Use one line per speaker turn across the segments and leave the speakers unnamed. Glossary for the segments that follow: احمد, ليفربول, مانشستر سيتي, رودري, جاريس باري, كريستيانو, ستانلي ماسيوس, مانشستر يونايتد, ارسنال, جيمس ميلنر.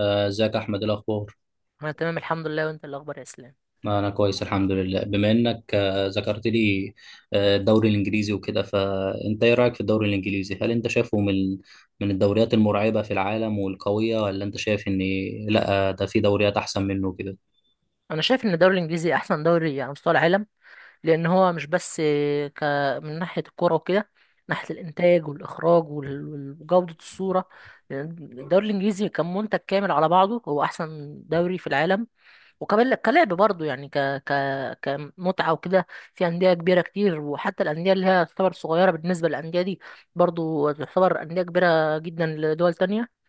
ازيك يا احمد، إيه الاخبار؟
انا تمام الحمد لله، وانت إيه الاخبار يا اسلام؟
انا كويس الحمد لله، بما انك ذكرت لي الدوري الانجليزي وكده. فانت ايه رايك في الدوري الانجليزي؟ هل انت شايفه من الدوريات المرعبه في العالم والقويه، ولا انت شايف ان لا، ده في دوريات احسن منه كده؟
انا شايف ان الدوري الانجليزي احسن دوري على مستوى العالم، لان هو مش بس ك من ناحيه الكوره وكده، ناحيه الانتاج والاخراج وجوده الصوره. لأن الدوري الانجليزي كمنتج كامل على بعضه هو احسن دوري في العالم. وكمان كلعب برضه يعني ك ك كمتعه وكده. في انديه كبيره كتير، وحتى الانديه اللي هي تعتبر صغيره بالنسبه للانديه دي برضه تعتبر انديه كبيره جدا لدول تانية.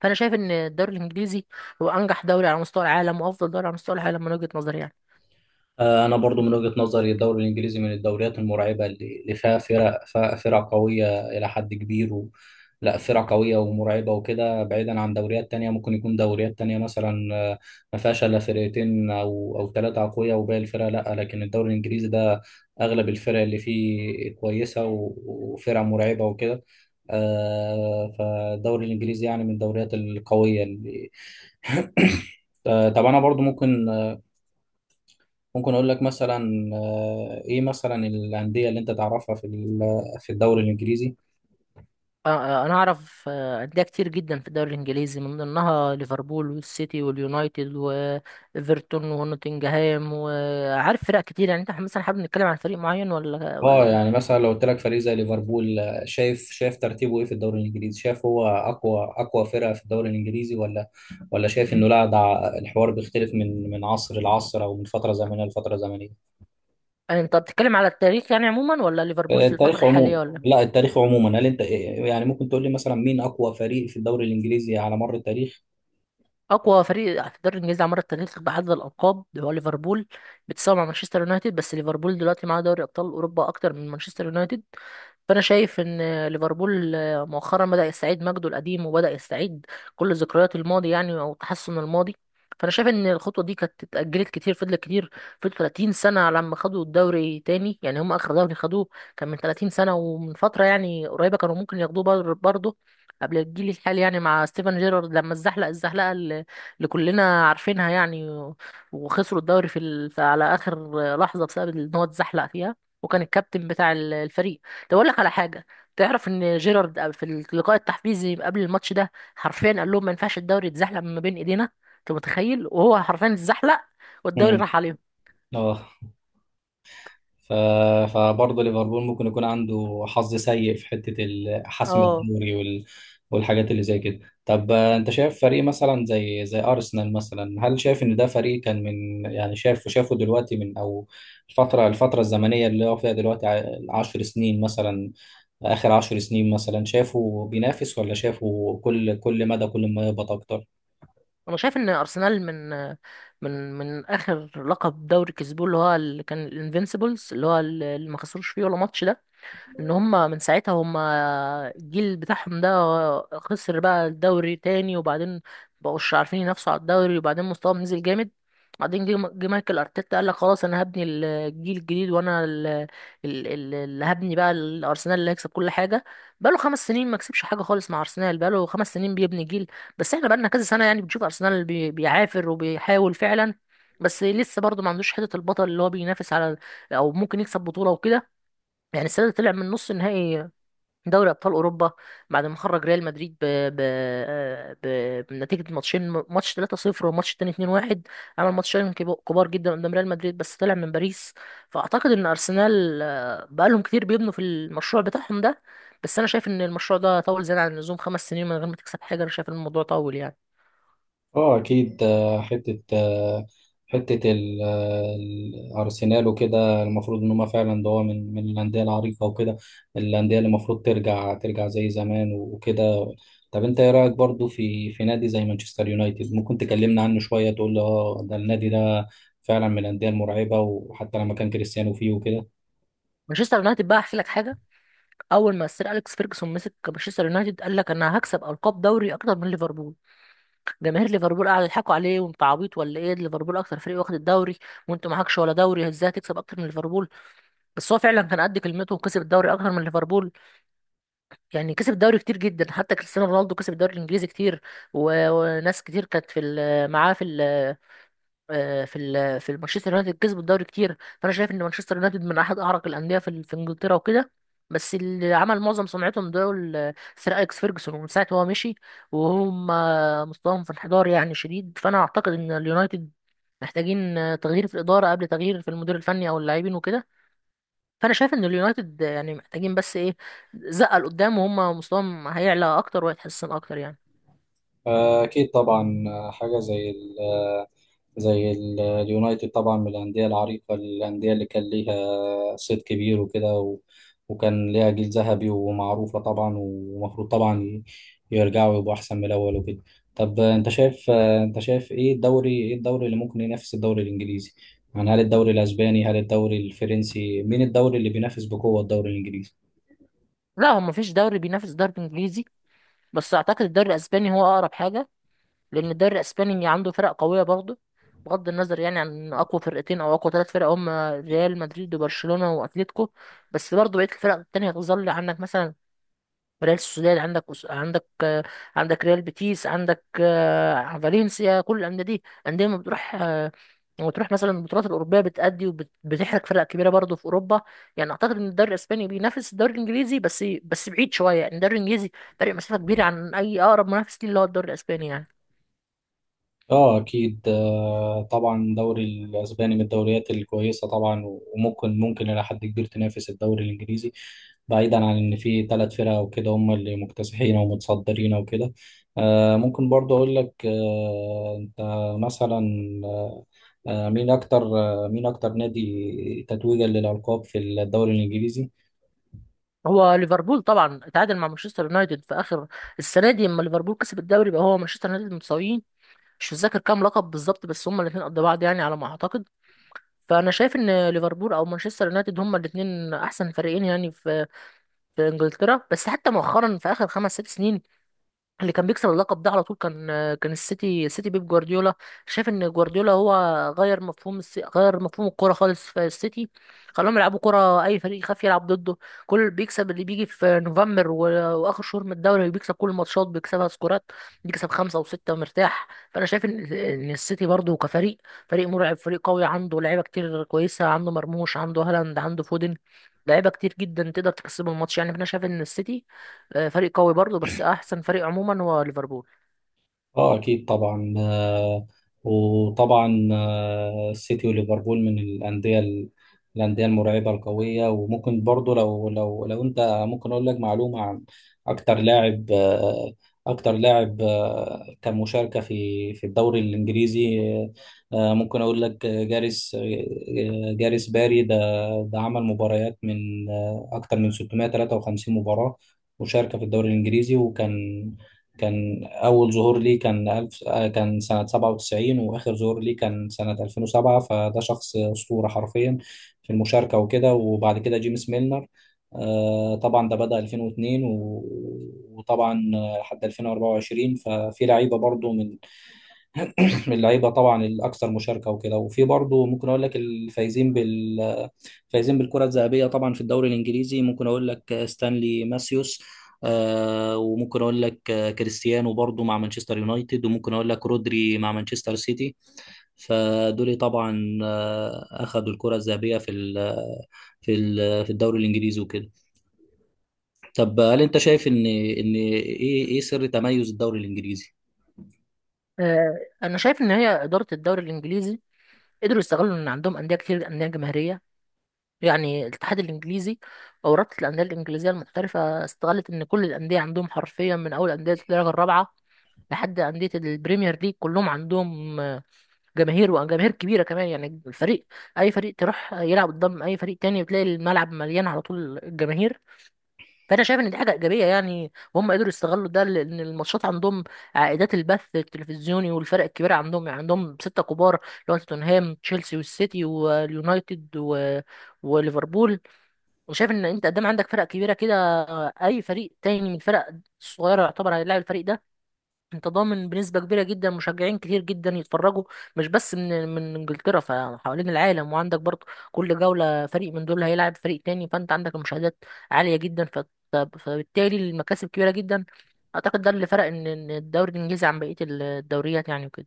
فانا شايف ان الدوري الانجليزي هو انجح دوري على مستوى العالم وافضل دوري على مستوى العالم من وجهة نظري يعني.
انا برضو من وجهه نظري الدوري الانجليزي من الدوريات المرعبه اللي فيها فرق قويه الى حد كبير. لا، فرقة قوية ومرعبة وكده، بعيدا عن دوريات تانية. ممكن يكون دوريات تانية مثلا ما فيهاش إلا فرقتين أو ثلاثة أقوياء وباقي الفرق لا، لكن الدوري الإنجليزي ده أغلب الفرق اللي فيه كويسة وفرق مرعبة وكده. فالدوري الإنجليزي يعني من الدوريات القوية اللي طب أنا برضو ممكن، ممكن أقول لك مثلا، إيه مثلا الأندية اللي أنت تعرفها في الدوري الإنجليزي؟
انا اعرف انديه كتير جدا في الدوري الانجليزي، من ضمنها ليفربول والسيتي واليونايتد وايفرتون ونوتنجهام وعارف فرق كتير، يعني انت مثلا حابب نتكلم عن فريق معين ولا
اه،
ولا
يعني
إيه؟
مثلا لو قلت لك فريق زي ليفربول، شايف ترتيبه ايه في الدوري الانجليزي؟ شايف هو اقوى فرقه في الدوري الانجليزي، ولا شايف انه لا، ده الحوار بيختلف من عصر لعصر، او من فتره زمنيه لفتره زمنيه؟
يعني انت بتتكلم على التاريخ يعني عموما، ولا ليفربول في الفتره
التاريخ عموما.
الحاليه ولا؟
لا، التاريخ عموما. هل انت يعني ممكن تقول لي مثلا، مين اقوى فريق في الدوري الانجليزي على مر التاريخ؟
اقوى فريق في الدوري الانجليزي على مر التاريخ بعدد الالقاب هو ليفربول، بيتساوي مع مانشستر يونايتد، بس ليفربول دلوقتي معاه دوري ابطال اوروبا اكتر من مانشستر يونايتد. فانا شايف ان ليفربول مؤخرا بدا يستعيد مجده القديم، وبدا يستعيد كل ذكريات الماضي يعني، او تحسن الماضي. فانا شايف ان الخطوه دي كانت اتاجلت كتير، فضلت كتير، فضلت 30 سنه على ما خدوا الدوري تاني، يعني هم اخر دوري خدوه كان من 30 سنه. ومن فتره يعني قريبه كانوا ممكن ياخدوه برضه، قبل الجيل الحالي، يعني مع ستيفن جيرارد لما اتزحلق الزحلقه اللي كلنا عارفينها يعني، وخسروا الدوري على اخر لحظه، بسبب ان هو اتزحلق فيها، وكان الكابتن بتاع الفريق. طب اقول لك على حاجه، تعرف ان جيرارد في اللقاء التحفيزي قبل الماتش ده حرفيا قال لهم ما ينفعش الدوري يتزحلق من ما بين ايدينا. انت متخيل؟ وهو حرفيا اتزحلق والدوري
امم
راح عليهم.
اه. ف... فبرضه ليفربول ممكن يكون عنده حظ سيء في حتة حسم
اه،
الدوري والحاجات اللي زي كده. طب انت شايف فريق مثلا زي ارسنال مثلا، هل شايف ان ده فريق كان من، يعني شايف شافه دلوقتي، من او الفترة الزمنية اللي هو فيها دلوقتي، 10 سنين مثلا، اخر 10 سنين مثلا، شافه بينافس، ولا شافه كل مدى، كل ما يهبط اكتر؟
انا شايف ان ارسنال من اخر لقب دوري كسبوه، اللي هو اللي كان الانفينسيبلز، اللي هو اللي ما خسروش فيه ولا ماتش ده، ان هم من ساعتها، هم الجيل بتاعهم ده خسر بقى الدوري تاني، وبعدين مبقوش عارفين ينافسوا على الدوري، وبعدين مستواهم نزل جامد. بعدين جه مايكل ارتيتا قال لك خلاص انا هبني الجيل الجديد، وانا اللي هبني بقى الارسنال اللي هيكسب كل حاجه. بقاله 5 سنين ما كسبش حاجه خالص مع ارسنال، بقاله 5 سنين بيبني جيل. بس احنا بقالنا كذا سنه يعني بنشوف ارسنال بيعافر وبيحاول فعلا، بس لسه برضه ما عندوش حته البطل اللي هو بينافس على، او ممكن يكسب بطوله وكده. يعني السنة دي طلع من نص نهائي دوري أبطال أوروبا، بعد ما خرج ريال مدريد بنتيجة ماتشين، ماتش 3-0 والماتش التاني 2-1، عمل ماتشين كبار جدا قدام ريال مدريد، بس طلع من باريس. فأعتقد إن أرسنال بقالهم كتير بيبنوا في المشروع بتاعهم ده، بس أنا شايف إن المشروع ده طول زيادة عن اللزوم، 5 سنين من غير ما تكسب حاجة. أنا شايف إن الموضوع طول يعني.
اه اكيد. حته الارسنال وكده، المفروض ان هم فعلا، ده هو من الانديه العريقه وكده، الانديه اللي المفروض ترجع زي زمان وكده. طب انت ايه رايك برضو في نادي زي مانشستر يونايتد؟ ممكن تكلمنا عنه شويه، تقول لي اه، ده النادي ده فعلا من الانديه المرعبه، وحتى لما كان كريستيانو فيه وكده.
مانشستر يونايتد بقى، أحكي لك حاجة. أول ما السير أليكس فيرجسون مسك مانشستر يونايتد قال لك أنا هكسب ألقاب دوري أكتر من ليفربول، جماهير ليفربول قاعدة يضحكوا عليه، وانت عبيط ولا ايه، ليفربول اكتر فريق واخد الدوري وانت معكش ولا دوري، ازاي هتكسب اكتر من ليفربول؟ بس هو فعلا كان قد كلمته وكسب الدوري اكتر من ليفربول، يعني كسب الدوري كتير جدا. حتى كريستيانو رونالدو كسب الدوري الانجليزي كتير، وناس كتير كانت في معاه في في مانشستر يونايتد، كسب الدوري كتير. فانا شايف ان مانشستر يونايتد من احد اعرق الانديه في في انجلترا وكده. بس اللي عمل معظم سمعتهم دول سير اليكس فيرجسون، ومن ساعه هو مشي وهم مستواهم في انحدار يعني شديد. فانا اعتقد ان اليونايتد محتاجين تغيير في الاداره قبل تغيير في المدير الفني او اللاعبين وكده. فانا شايف ان اليونايتد يعني محتاجين بس ايه، زقه لقدام، وهم مستواهم هيعلى اكتر وهيتحسن اكتر يعني.
أكيد طبعا. حاجة زي اليونايتد طبعا من الأندية العريقة، الأندية اللي كان ليها صيت كبير وكده، وكان ليها جيل ذهبي ومعروفة طبعا، ومفروض طبعا يرجعوا يبقوا أحسن من الأول وكده. طب أنت شايف إيه الدوري اللي ممكن ينافس الدوري الإنجليزي؟ يعني هل الدوري الأسباني؟ هل الدوري الفرنسي؟ مين الدوري اللي بينافس بقوة الدوري الإنجليزي؟
لا، هو مفيش دوري بينافس الدوري الانجليزي، بس اعتقد الدوري الاسباني هو اقرب حاجه. لان الدوري الاسباني عنده فرق قويه برضه، بغض النظر يعني عن اقوى فرقتين او اقوى 3 فرق، هم ريال مدريد وبرشلونه واتليتيكو. بس برضه بقيه الفرق التانية هتظل، عندك مثلا ريال سوسيداد، عندك عندك عندك ريال بيتيس، عندك فالنسيا. كل الانديه دي انديه ما بتروح، لما تروح مثلا البطولات الاوروبيه بتأدي وبتحرق فرق كبيره برضه في اوروبا. يعني اعتقد ان الدوري الاسباني بينافس الدوري الانجليزي، بس بعيد شويه يعني، الدوري الانجليزي فرق مسافه كبيره عن اي اقرب منافس ليه اللي هو الدوري الاسباني يعني.
اه اكيد. طبعا الدوري الاسباني من الدوريات الكويسه طبعا، وممكن الى حد كبير تنافس الدوري الانجليزي، بعيدا عن ان في 3 فرق وكده هم اللي مكتسحين ومتصدرين وكده. ممكن برضو اقول لك، انت مثلا، مين اكتر نادي تتويجا للالقاب في الدوري الانجليزي؟
هو ليفربول طبعا، اتعادل مع مانشستر يونايتد في اخر السنه دي لما ليفربول كسب الدوري، يبقى هو مانشستر يونايتد متساويين. مش متذكر كام لقب بالظبط، بس هما الاثنين قد بعض يعني على ما اعتقد. فانا شايف ان ليفربول او مانشستر يونايتد هما الاثنين احسن فريقين يعني في انجلترا. بس حتى مؤخرا في اخر خمس ست سنين، اللي كان بيكسب اللقب ده على طول كان السيتي بيب جوارديولا. شايف ان جوارديولا هو غير مفهوم غير مفهوم الكوره خالص في السيتي، خلاهم يلعبوا كوره اي فريق يخاف يلعب ضده. كل بيكسب اللي بيجي في نوفمبر واخر شهور من الدوري بيكسب كل الماتشات، بيكسبها سكورات، بيكسب خمسه وسته مرتاح. فانا شايف ان السيتي برضه كفريق، فريق مرعب، فريق قوي، عنده لعيبه كتير كويسه، عنده مرموش، عنده هالاند، عنده فودن، لعيبه كتير جدا تقدر تكسبه الماتش يعني. فانا شايف ان السيتي فريق قوي برضه، بس احسن فريق عموما هو ليفربول.
اه اكيد طبعا. وطبعا السيتي وليفربول من الانديه المرعبه القويه. وممكن برضو لو انت، ممكن اقول لك معلومه عن اكتر لاعب آه، اكتر لاعب كان مشاركه في الدوري الانجليزي. ممكن اقول لك، جاريس باري، ده عمل مباريات من، اكتر من 653 مباراه مشاركه في الدوري الانجليزي، وكان أول ظهور ليه كان ألف آه، كان سنة 97، وآخر ظهور ليه كان سنة 2007. فده شخص أسطورة حرفيا في المشاركة وكده. وبعد كده جيمس ميلنر، طبعا ده بدأ 2002 وطبعا لحد 2024. ففي لعيبة برضو من اللعيبه طبعا الاكثر مشاركه وكده. وفي برضه ممكن اقول لك الفايزين بال فايزين بالكره الذهبيه طبعا في الدوري الانجليزي. ممكن اقول لك ستانلي ماسيوس، وممكن اقول لك كريستيانو برضه مع مانشستر يونايتد، وممكن اقول لك رودري مع مانشستر سيتي. فدول طبعا اخذوا الكره الذهبيه في الدوري الانجليزي وكده. طب هل انت شايف ان ايه سر تميز الدوري الانجليزي؟
آه، انا شايف ان هي اداره الدوري الانجليزي قدروا يستغلوا ان عندهم انديه كتير، انديه جماهيريه. يعني الاتحاد الانجليزي، او رابطه الانديه الانجليزيه المحترفه، استغلت ان كل الانديه عندهم حرفيا من اول انديه الدرجه الرابعه لحد أندية البريمير ليج كلهم عندهم جماهير، وجماهير كبيرة كمان يعني. الفريق، أي فريق تروح يلعب قدام أي فريق تاني بتلاقي الملعب مليان على طول الجماهير. فانا شايف ان دي حاجه ايجابيه يعني، وهم قدروا يستغلوا ده، لان الماتشات عندهم عائدات البث التلفزيوني، والفرق الكبيره عندهم يعني عندهم سته كبار، اللي هو توتنهام، تشيلسي، والسيتي، واليونايتد، وليفربول. وشايف ان انت قدام عندك فرق كبيره كده، اي فريق تاني من الفرق الصغيره يعتبر هيلاعب الفريق ده، انت ضامن بنسبة كبيرة جدا مشجعين كتير جدا يتفرجوا، مش بس من انجلترا، فحوالين العالم. وعندك برضه كل جولة فريق من دول هيلعب فريق تاني، فانت عندك المشاهدات عالية جدا، فبالتالي المكاسب كبيرة جدا. اعتقد ده اللي فرق ان الدوري الانجليزي عن بقية الدوريات يعني وكده.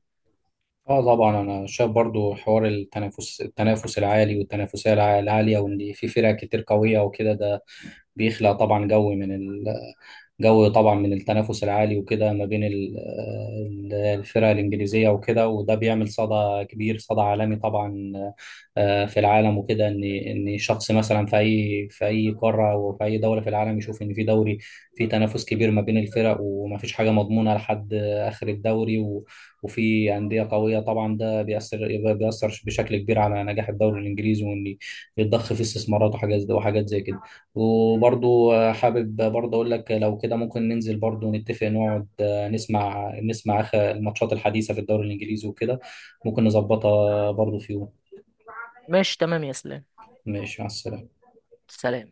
اه طبعا. انا شايف برضو حوار التنافس العالي، والتنافسيه العاليه، وان في فرق كتير قويه وكده، ده بيخلق طبعا جو طبعا من التنافس العالي وكده ما بين الفرق الانجليزيه وكده. وده بيعمل صدى كبير، صدى عالمي طبعا، في العالم وكده، ان شخص مثلا في اي قاره، وفي اي دوله في العالم، يشوف ان في دوري، في تنافس كبير ما بين الفرق، وما فيش حاجه مضمونه لحد اخر الدوري، وفي أندية قوية طبعا. ده بيأثر بشكل كبير على نجاح الدوري الإنجليزي، وإن يتضخ فيه استثمارات وحاجات زي، وحاجات زي كده. وبرضو حابب برضو أقول لك لو كده، ممكن ننزل برضو نتفق، نقعد نسمع آخر الماتشات الحديثة في الدوري الإنجليزي وكده. ممكن نظبطها برضو في يوم.
ماشي تمام يا اسلام.
ماشي، مع السلامة.
سلام.